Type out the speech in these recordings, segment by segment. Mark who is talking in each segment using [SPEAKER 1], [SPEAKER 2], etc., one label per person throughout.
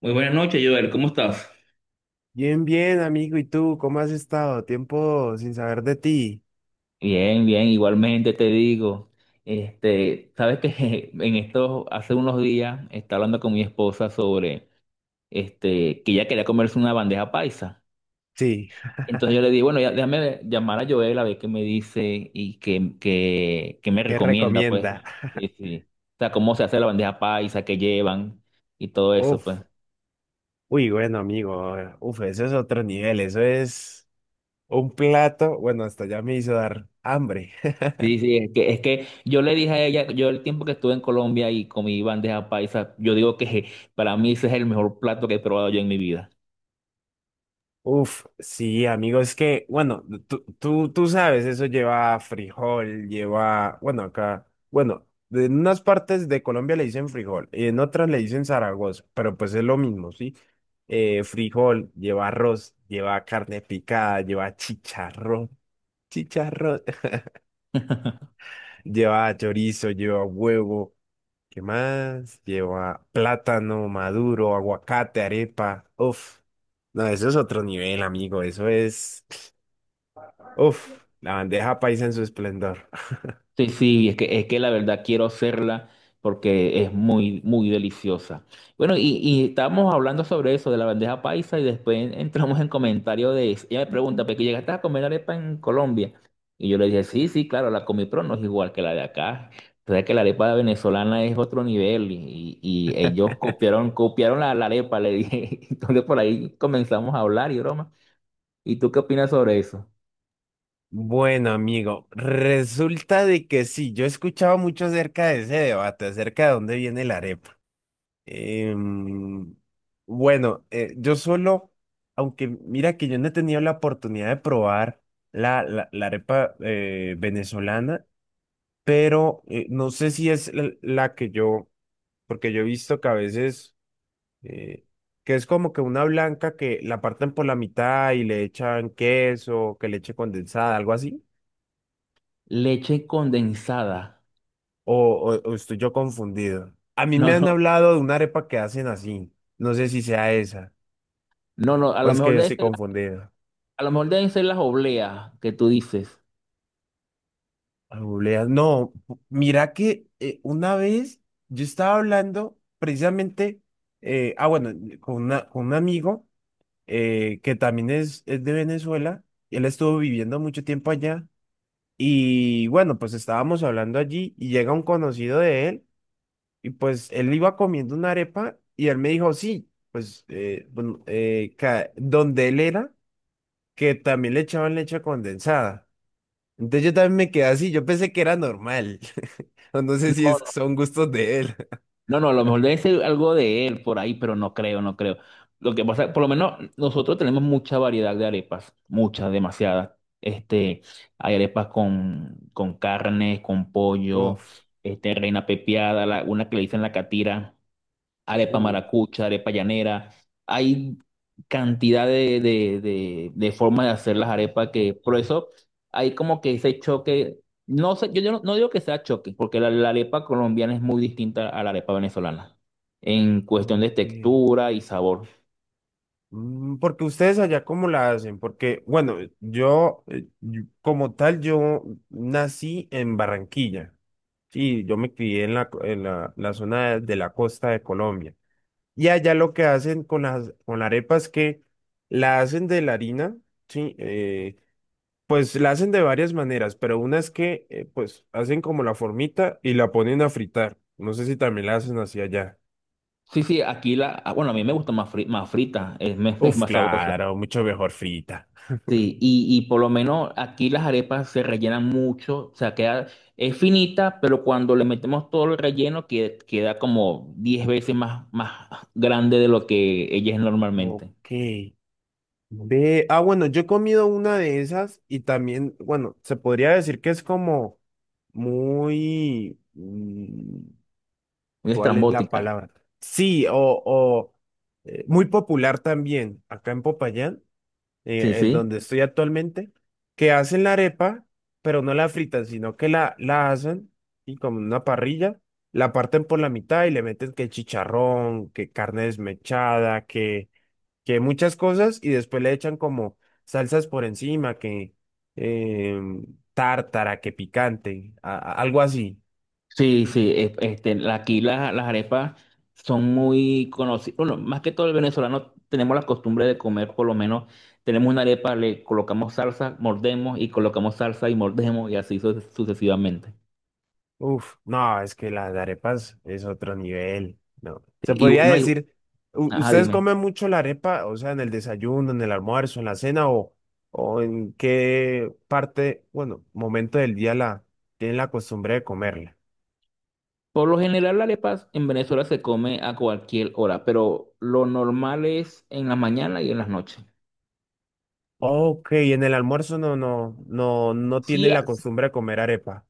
[SPEAKER 1] Muy buenas noches, Joel. ¿Cómo estás?
[SPEAKER 2] Bien, bien, amigo. ¿Y tú cómo has estado? Tiempo sin saber de ti.
[SPEAKER 1] Bien, bien, igualmente te digo, sabes que hace unos días, estaba hablando con mi esposa sobre, que ella quería comerse una bandeja paisa.
[SPEAKER 2] Sí,
[SPEAKER 1] Entonces yo le dije, bueno, ya, déjame llamar a Joel a ver qué me dice y qué me
[SPEAKER 2] ¿qué
[SPEAKER 1] recomienda, pues.
[SPEAKER 2] recomienda?
[SPEAKER 1] Sí, sí. O sea, cómo se hace la bandeja paisa, qué llevan y todo eso, pues.
[SPEAKER 2] Uf, uy, bueno, amigo. Uf, eso es otro nivel. Eso es un plato. Bueno, hasta ya me hizo dar hambre.
[SPEAKER 1] Sí, sí, es que yo le dije a ella, yo el tiempo que estuve en Colombia y comí bandeja paisa, yo digo que para mí ese es el mejor plato que he probado yo en mi vida.
[SPEAKER 2] Uf, sí, amigo, es que, bueno, tú sabes, eso lleva frijol, lleva, bueno, acá, bueno, en unas partes de Colombia le dicen frijol y en otras le dicen Zaragoza, pero pues es lo mismo, ¿sí? Frijol, lleva arroz, lleva carne picada, lleva chicharrón, chicharrón, lleva chorizo, lleva huevo, ¿qué más? Lleva plátano maduro, aguacate, arepa, uf. No, eso es otro nivel, amigo, eso es... Uf, la bandeja paisa en su esplendor.
[SPEAKER 1] Sí, sí, es que la verdad quiero hacerla porque es muy, muy deliciosa. Bueno, y estábamos hablando sobre eso, de la bandeja paisa, y después entramos en comentario de eso. Ella me pregunta, ¿pero que llegaste a comer arepa en Colombia? Y yo le dije, sí, sí, claro, la comí, pero no es igual que la de acá. O sea, que la arepa venezolana es otro nivel y ellos copiaron, copiaron la arepa, le dije. Entonces por ahí comenzamos a hablar y broma. ¿Y tú qué opinas sobre eso?
[SPEAKER 2] Bueno, amigo, resulta de que sí, yo he escuchado mucho acerca de ese debate, acerca de dónde viene la arepa. Em, bueno, yo solo, aunque mira que yo no he tenido la oportunidad de probar la arepa venezolana, pero no sé si es la que yo, porque yo he visto que a veces... eh, que es como que una blanca que la parten por la mitad y le echan queso, que leche condensada, algo así.
[SPEAKER 1] Leche condensada.
[SPEAKER 2] O, o estoy yo confundido. A mí
[SPEAKER 1] No,
[SPEAKER 2] me han
[SPEAKER 1] no.
[SPEAKER 2] hablado de una arepa que hacen así. No sé si sea esa.
[SPEAKER 1] No, no,
[SPEAKER 2] O es que yo estoy confundido.
[SPEAKER 1] A lo mejor deben ser las obleas que tú dices.
[SPEAKER 2] Obleas. No, mira que una vez yo estaba hablando precisamente, bueno, con, con un amigo que también es de Venezuela. Él estuvo viviendo mucho tiempo allá. Y bueno, pues estábamos hablando allí y llega un conocido de él y pues él iba comiendo una arepa y él me dijo, sí, pues donde él era, que también le echaban leche condensada. Entonces yo también me quedé así, yo pensé que era normal, o no sé si
[SPEAKER 1] No,
[SPEAKER 2] es, son gustos de él.
[SPEAKER 1] no, no, a lo mejor debe ser algo de él por ahí, pero no creo, no creo. Lo que pasa, por lo menos nosotros tenemos mucha variedad de arepas, muchas, demasiadas. Este, Hay arepas con carne, con pollo,
[SPEAKER 2] Uf,
[SPEAKER 1] reina pepiada, una que le dicen la catira, arepa
[SPEAKER 2] uf,
[SPEAKER 1] maracucha, arepa llanera. Hay cantidad de formas de hacer las arepas que, por eso hay como que ese choque, no sé, yo no digo que sea choque, porque la arepa colombiana es muy distinta a la arepa venezolana en cuestión de
[SPEAKER 2] ok.
[SPEAKER 1] textura y sabor.
[SPEAKER 2] Mm, porque ustedes allá cómo la hacen, porque bueno, yo como tal, yo nací en Barranquilla. Sí, yo me crié en la, la zona de la costa de Colombia. Y allá lo que hacen con las con la arepa es que la hacen de la harina, sí, pues la hacen de varias maneras, pero una es que pues hacen como la formita y la ponen a fritar. No sé si también la hacen así allá.
[SPEAKER 1] Sí, sí, aquí bueno, a mí me gusta más, más frita, es
[SPEAKER 2] Uf,
[SPEAKER 1] más sabrosa.
[SPEAKER 2] claro, mucho mejor frita.
[SPEAKER 1] Sí, y por lo menos aquí las arepas se rellenan mucho, o sea, es finita, pero cuando le metemos todo el relleno queda como 10 veces más grande de lo que ella es normalmente.
[SPEAKER 2] Ok. Ve, ah, bueno, yo he comido una de esas y también, bueno, se podría decir que es como muy... mm,
[SPEAKER 1] Muy
[SPEAKER 2] ¿cuál es la
[SPEAKER 1] estrambótica.
[SPEAKER 2] palabra? Sí, o, muy popular también acá en Popayán,
[SPEAKER 1] Sí, sí.
[SPEAKER 2] donde estoy actualmente, que hacen la arepa, pero no la fritan, sino que la hacen y como en una parrilla, la parten por la mitad y le meten que chicharrón, que carne desmechada, que muchas cosas y después le echan como salsas por encima, que em, tártara, que picante, algo así.
[SPEAKER 1] Sí, sí, aquí las arepas son muy conocidas. Bueno, más que todo el venezolano tenemos la costumbre de comer, por lo menos tenemos una arepa, le colocamos salsa, mordemos y colocamos salsa y mordemos y así sucesivamente.
[SPEAKER 2] Uf, no, es que las arepas es otro nivel, no.
[SPEAKER 1] Sí,
[SPEAKER 2] Se podría
[SPEAKER 1] no, hay
[SPEAKER 2] decir,
[SPEAKER 1] ajá,
[SPEAKER 2] ¿ustedes
[SPEAKER 1] dime.
[SPEAKER 2] comen mucho la arepa, o sea, en el desayuno, en el almuerzo, en la cena, o en qué parte, bueno, momento del día la tienen la costumbre de comerla?
[SPEAKER 1] Por lo general, la arepa en Venezuela se come a cualquier hora, pero lo normal es en la mañana y en las noches.
[SPEAKER 2] Ok, en el almuerzo no, no
[SPEAKER 1] Sí,
[SPEAKER 2] tienen la costumbre de comer arepa.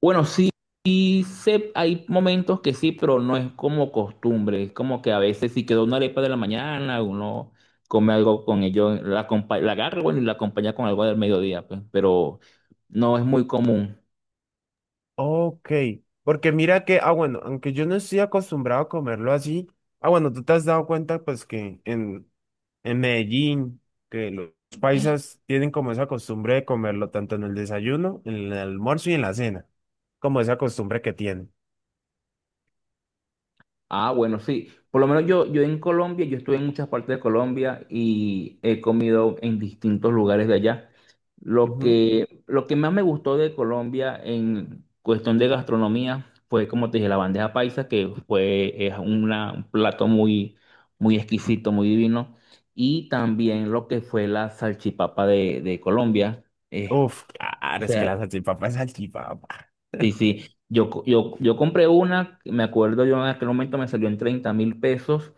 [SPEAKER 1] bueno, sí, hay momentos que sí, pero no es como costumbre. Es como que a veces si quedó una arepa de la mañana, uno come algo con ello, la agarra, bueno, y la acompaña con algo del mediodía, pues, pero no es muy común.
[SPEAKER 2] Ok, porque mira que, ah, bueno, aunque yo no estoy acostumbrado a comerlo así, ah, bueno, tú te has dado cuenta pues que en Medellín, que los paisas tienen como esa costumbre de comerlo tanto en el desayuno, en el almuerzo y en la cena, como esa costumbre que tienen.
[SPEAKER 1] Ah, bueno, sí. Por lo menos yo en Colombia, yo estuve en muchas partes de Colombia y he comido en distintos lugares de allá. Lo
[SPEAKER 2] Ujú.
[SPEAKER 1] que, lo que más me gustó de Colombia en cuestión de gastronomía fue, como te dije, la bandeja paisa, que fue, es un plato muy, muy exquisito, muy divino. Y también lo que fue la salchipapa de Colombia. Eh,
[SPEAKER 2] Uf,
[SPEAKER 1] o
[SPEAKER 2] claro, es que
[SPEAKER 1] sea,
[SPEAKER 2] la salchipapa es salchipapa.
[SPEAKER 1] sí, sí. Yo compré una, me acuerdo yo en aquel momento me salió en 30.000 pesos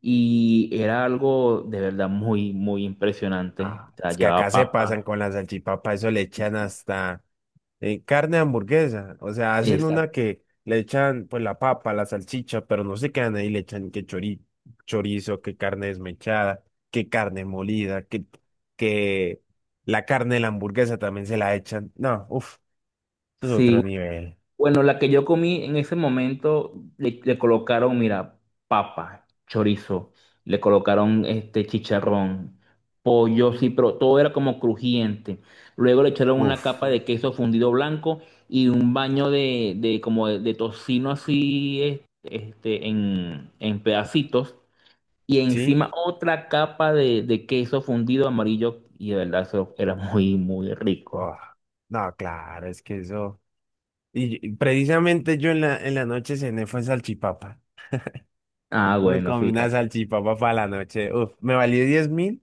[SPEAKER 1] y era algo de verdad muy, muy impresionante.
[SPEAKER 2] Ah,
[SPEAKER 1] O sea,
[SPEAKER 2] es que acá
[SPEAKER 1] llevaba
[SPEAKER 2] se pasan
[SPEAKER 1] papa.
[SPEAKER 2] con la salchipapa, eso le
[SPEAKER 1] Sí,
[SPEAKER 2] echan
[SPEAKER 1] sí.
[SPEAKER 2] hasta... carne de hamburguesa. O sea, hacen
[SPEAKER 1] Exacto.
[SPEAKER 2] una que le echan pues la papa, la salchicha, pero no se quedan ahí, le echan que chorizo, que carne desmechada, que carne molida, que la carne de la hamburguesa también se la echan. No, uff, es
[SPEAKER 1] Sí,
[SPEAKER 2] otro nivel.
[SPEAKER 1] bueno, la que yo comí en ese momento le colocaron, mira, papa, chorizo, le colocaron este chicharrón, pollo, sí, pero todo era como crujiente. Luego le echaron una
[SPEAKER 2] Uff,
[SPEAKER 1] capa de queso fundido blanco y un baño de como de tocino así, en pedacitos. Y
[SPEAKER 2] ¿sí?
[SPEAKER 1] encima otra capa de queso fundido amarillo y de verdad eso era muy, muy rico.
[SPEAKER 2] Oh, no, claro, es que eso. Y precisamente yo en la noche cené fue salchipapa.
[SPEAKER 1] Ah,
[SPEAKER 2] Me
[SPEAKER 1] bueno,
[SPEAKER 2] comí una
[SPEAKER 1] fíjate.
[SPEAKER 2] salchipapa para la noche. Uf, me valió 10.000.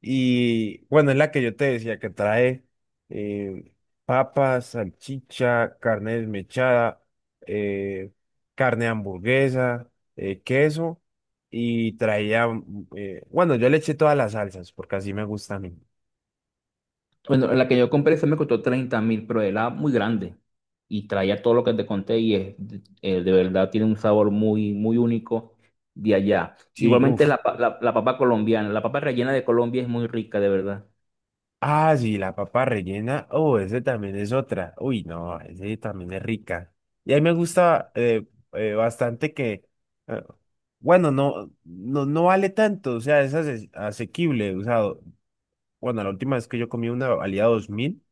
[SPEAKER 2] Y bueno, es la que yo te decía que trae eh, papas, salchicha, carne desmechada, eh, carne de hamburguesa, queso y traía, mm, bueno, yo le eché todas las salsas porque así me gusta a mí.
[SPEAKER 1] Bueno, la que yo compré se me costó 30.000, pero era muy grande y traía todo lo que te conté y de verdad tiene un sabor muy, muy único de allá.
[SPEAKER 2] Sí,
[SPEAKER 1] Igualmente
[SPEAKER 2] uff.
[SPEAKER 1] la papa colombiana, la papa rellena de Colombia es muy rica, de verdad.
[SPEAKER 2] Ah, sí, la papa rellena. Oh, ese también es otra. Uy, no, ese también es rica. Y a mí me gusta bastante que, eh, bueno, no, vale tanto, o sea, es asequible. O sea, bueno, la última vez que yo comí una valía 2.000,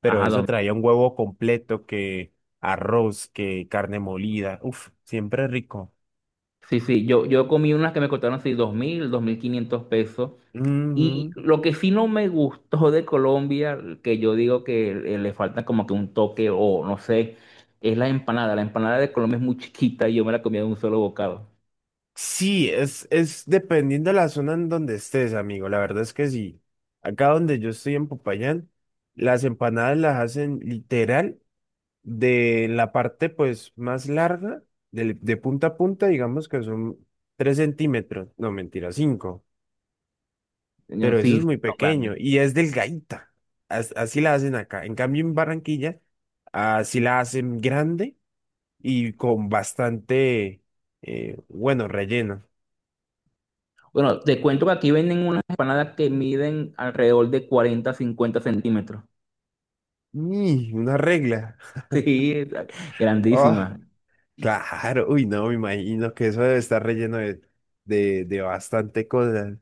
[SPEAKER 2] pero
[SPEAKER 1] Ajá,
[SPEAKER 2] eso
[SPEAKER 1] 2.000.
[SPEAKER 2] traía un huevo completo, que arroz, que carne molida. Uf, siempre rico.
[SPEAKER 1] Sí, sí, yo comí unas que me costaron así 2.000, 2.500 pesos. Y
[SPEAKER 2] Ujú.
[SPEAKER 1] lo que sí no me gustó de Colombia, que yo digo que le falta como que un toque o no sé, es la empanada. La empanada de Colombia es muy chiquita y yo me la comía de un solo bocado.
[SPEAKER 2] Sí, es dependiendo de la zona en donde estés, amigo. La verdad es que sí. Acá donde yo estoy en Popayán, las empanadas las hacen literal de la parte pues más larga, de, punta a punta, digamos que son 3 centímetros. No, mentira, cinco.
[SPEAKER 1] Yo,
[SPEAKER 2] Pero eso
[SPEAKER 1] sí,
[SPEAKER 2] es muy
[SPEAKER 1] sí, no, grande.
[SPEAKER 2] pequeño y es delgadita. Así la hacen acá. En cambio, en Barranquilla, así la hacen grande y con bastante, bueno, relleno.
[SPEAKER 1] Bueno, te cuento que aquí venden unas empanadas que miden alrededor de 40, 50 centímetros.
[SPEAKER 2] Y una regla.
[SPEAKER 1] Sí,
[SPEAKER 2] Ah,
[SPEAKER 1] grandísimas.
[SPEAKER 2] claro. Uy, no, me imagino que eso debe estar relleno de bastante cosas.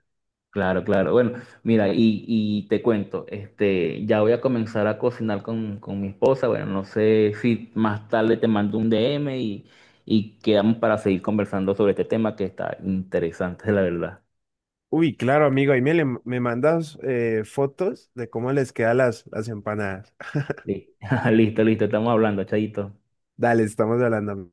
[SPEAKER 1] Claro, claro. Bueno, mira, y te cuento, ya voy a comenzar a cocinar con mi esposa. Bueno, no sé si más tarde te mando un DM y quedamos para seguir conversando sobre este tema que está interesante, la verdad.
[SPEAKER 2] Uy, claro, amigo, ahí me, me mandas fotos de cómo les quedan las empanadas.
[SPEAKER 1] Sí. Listo, listo, estamos hablando, Chayito.
[SPEAKER 2] Dale, estamos hablando.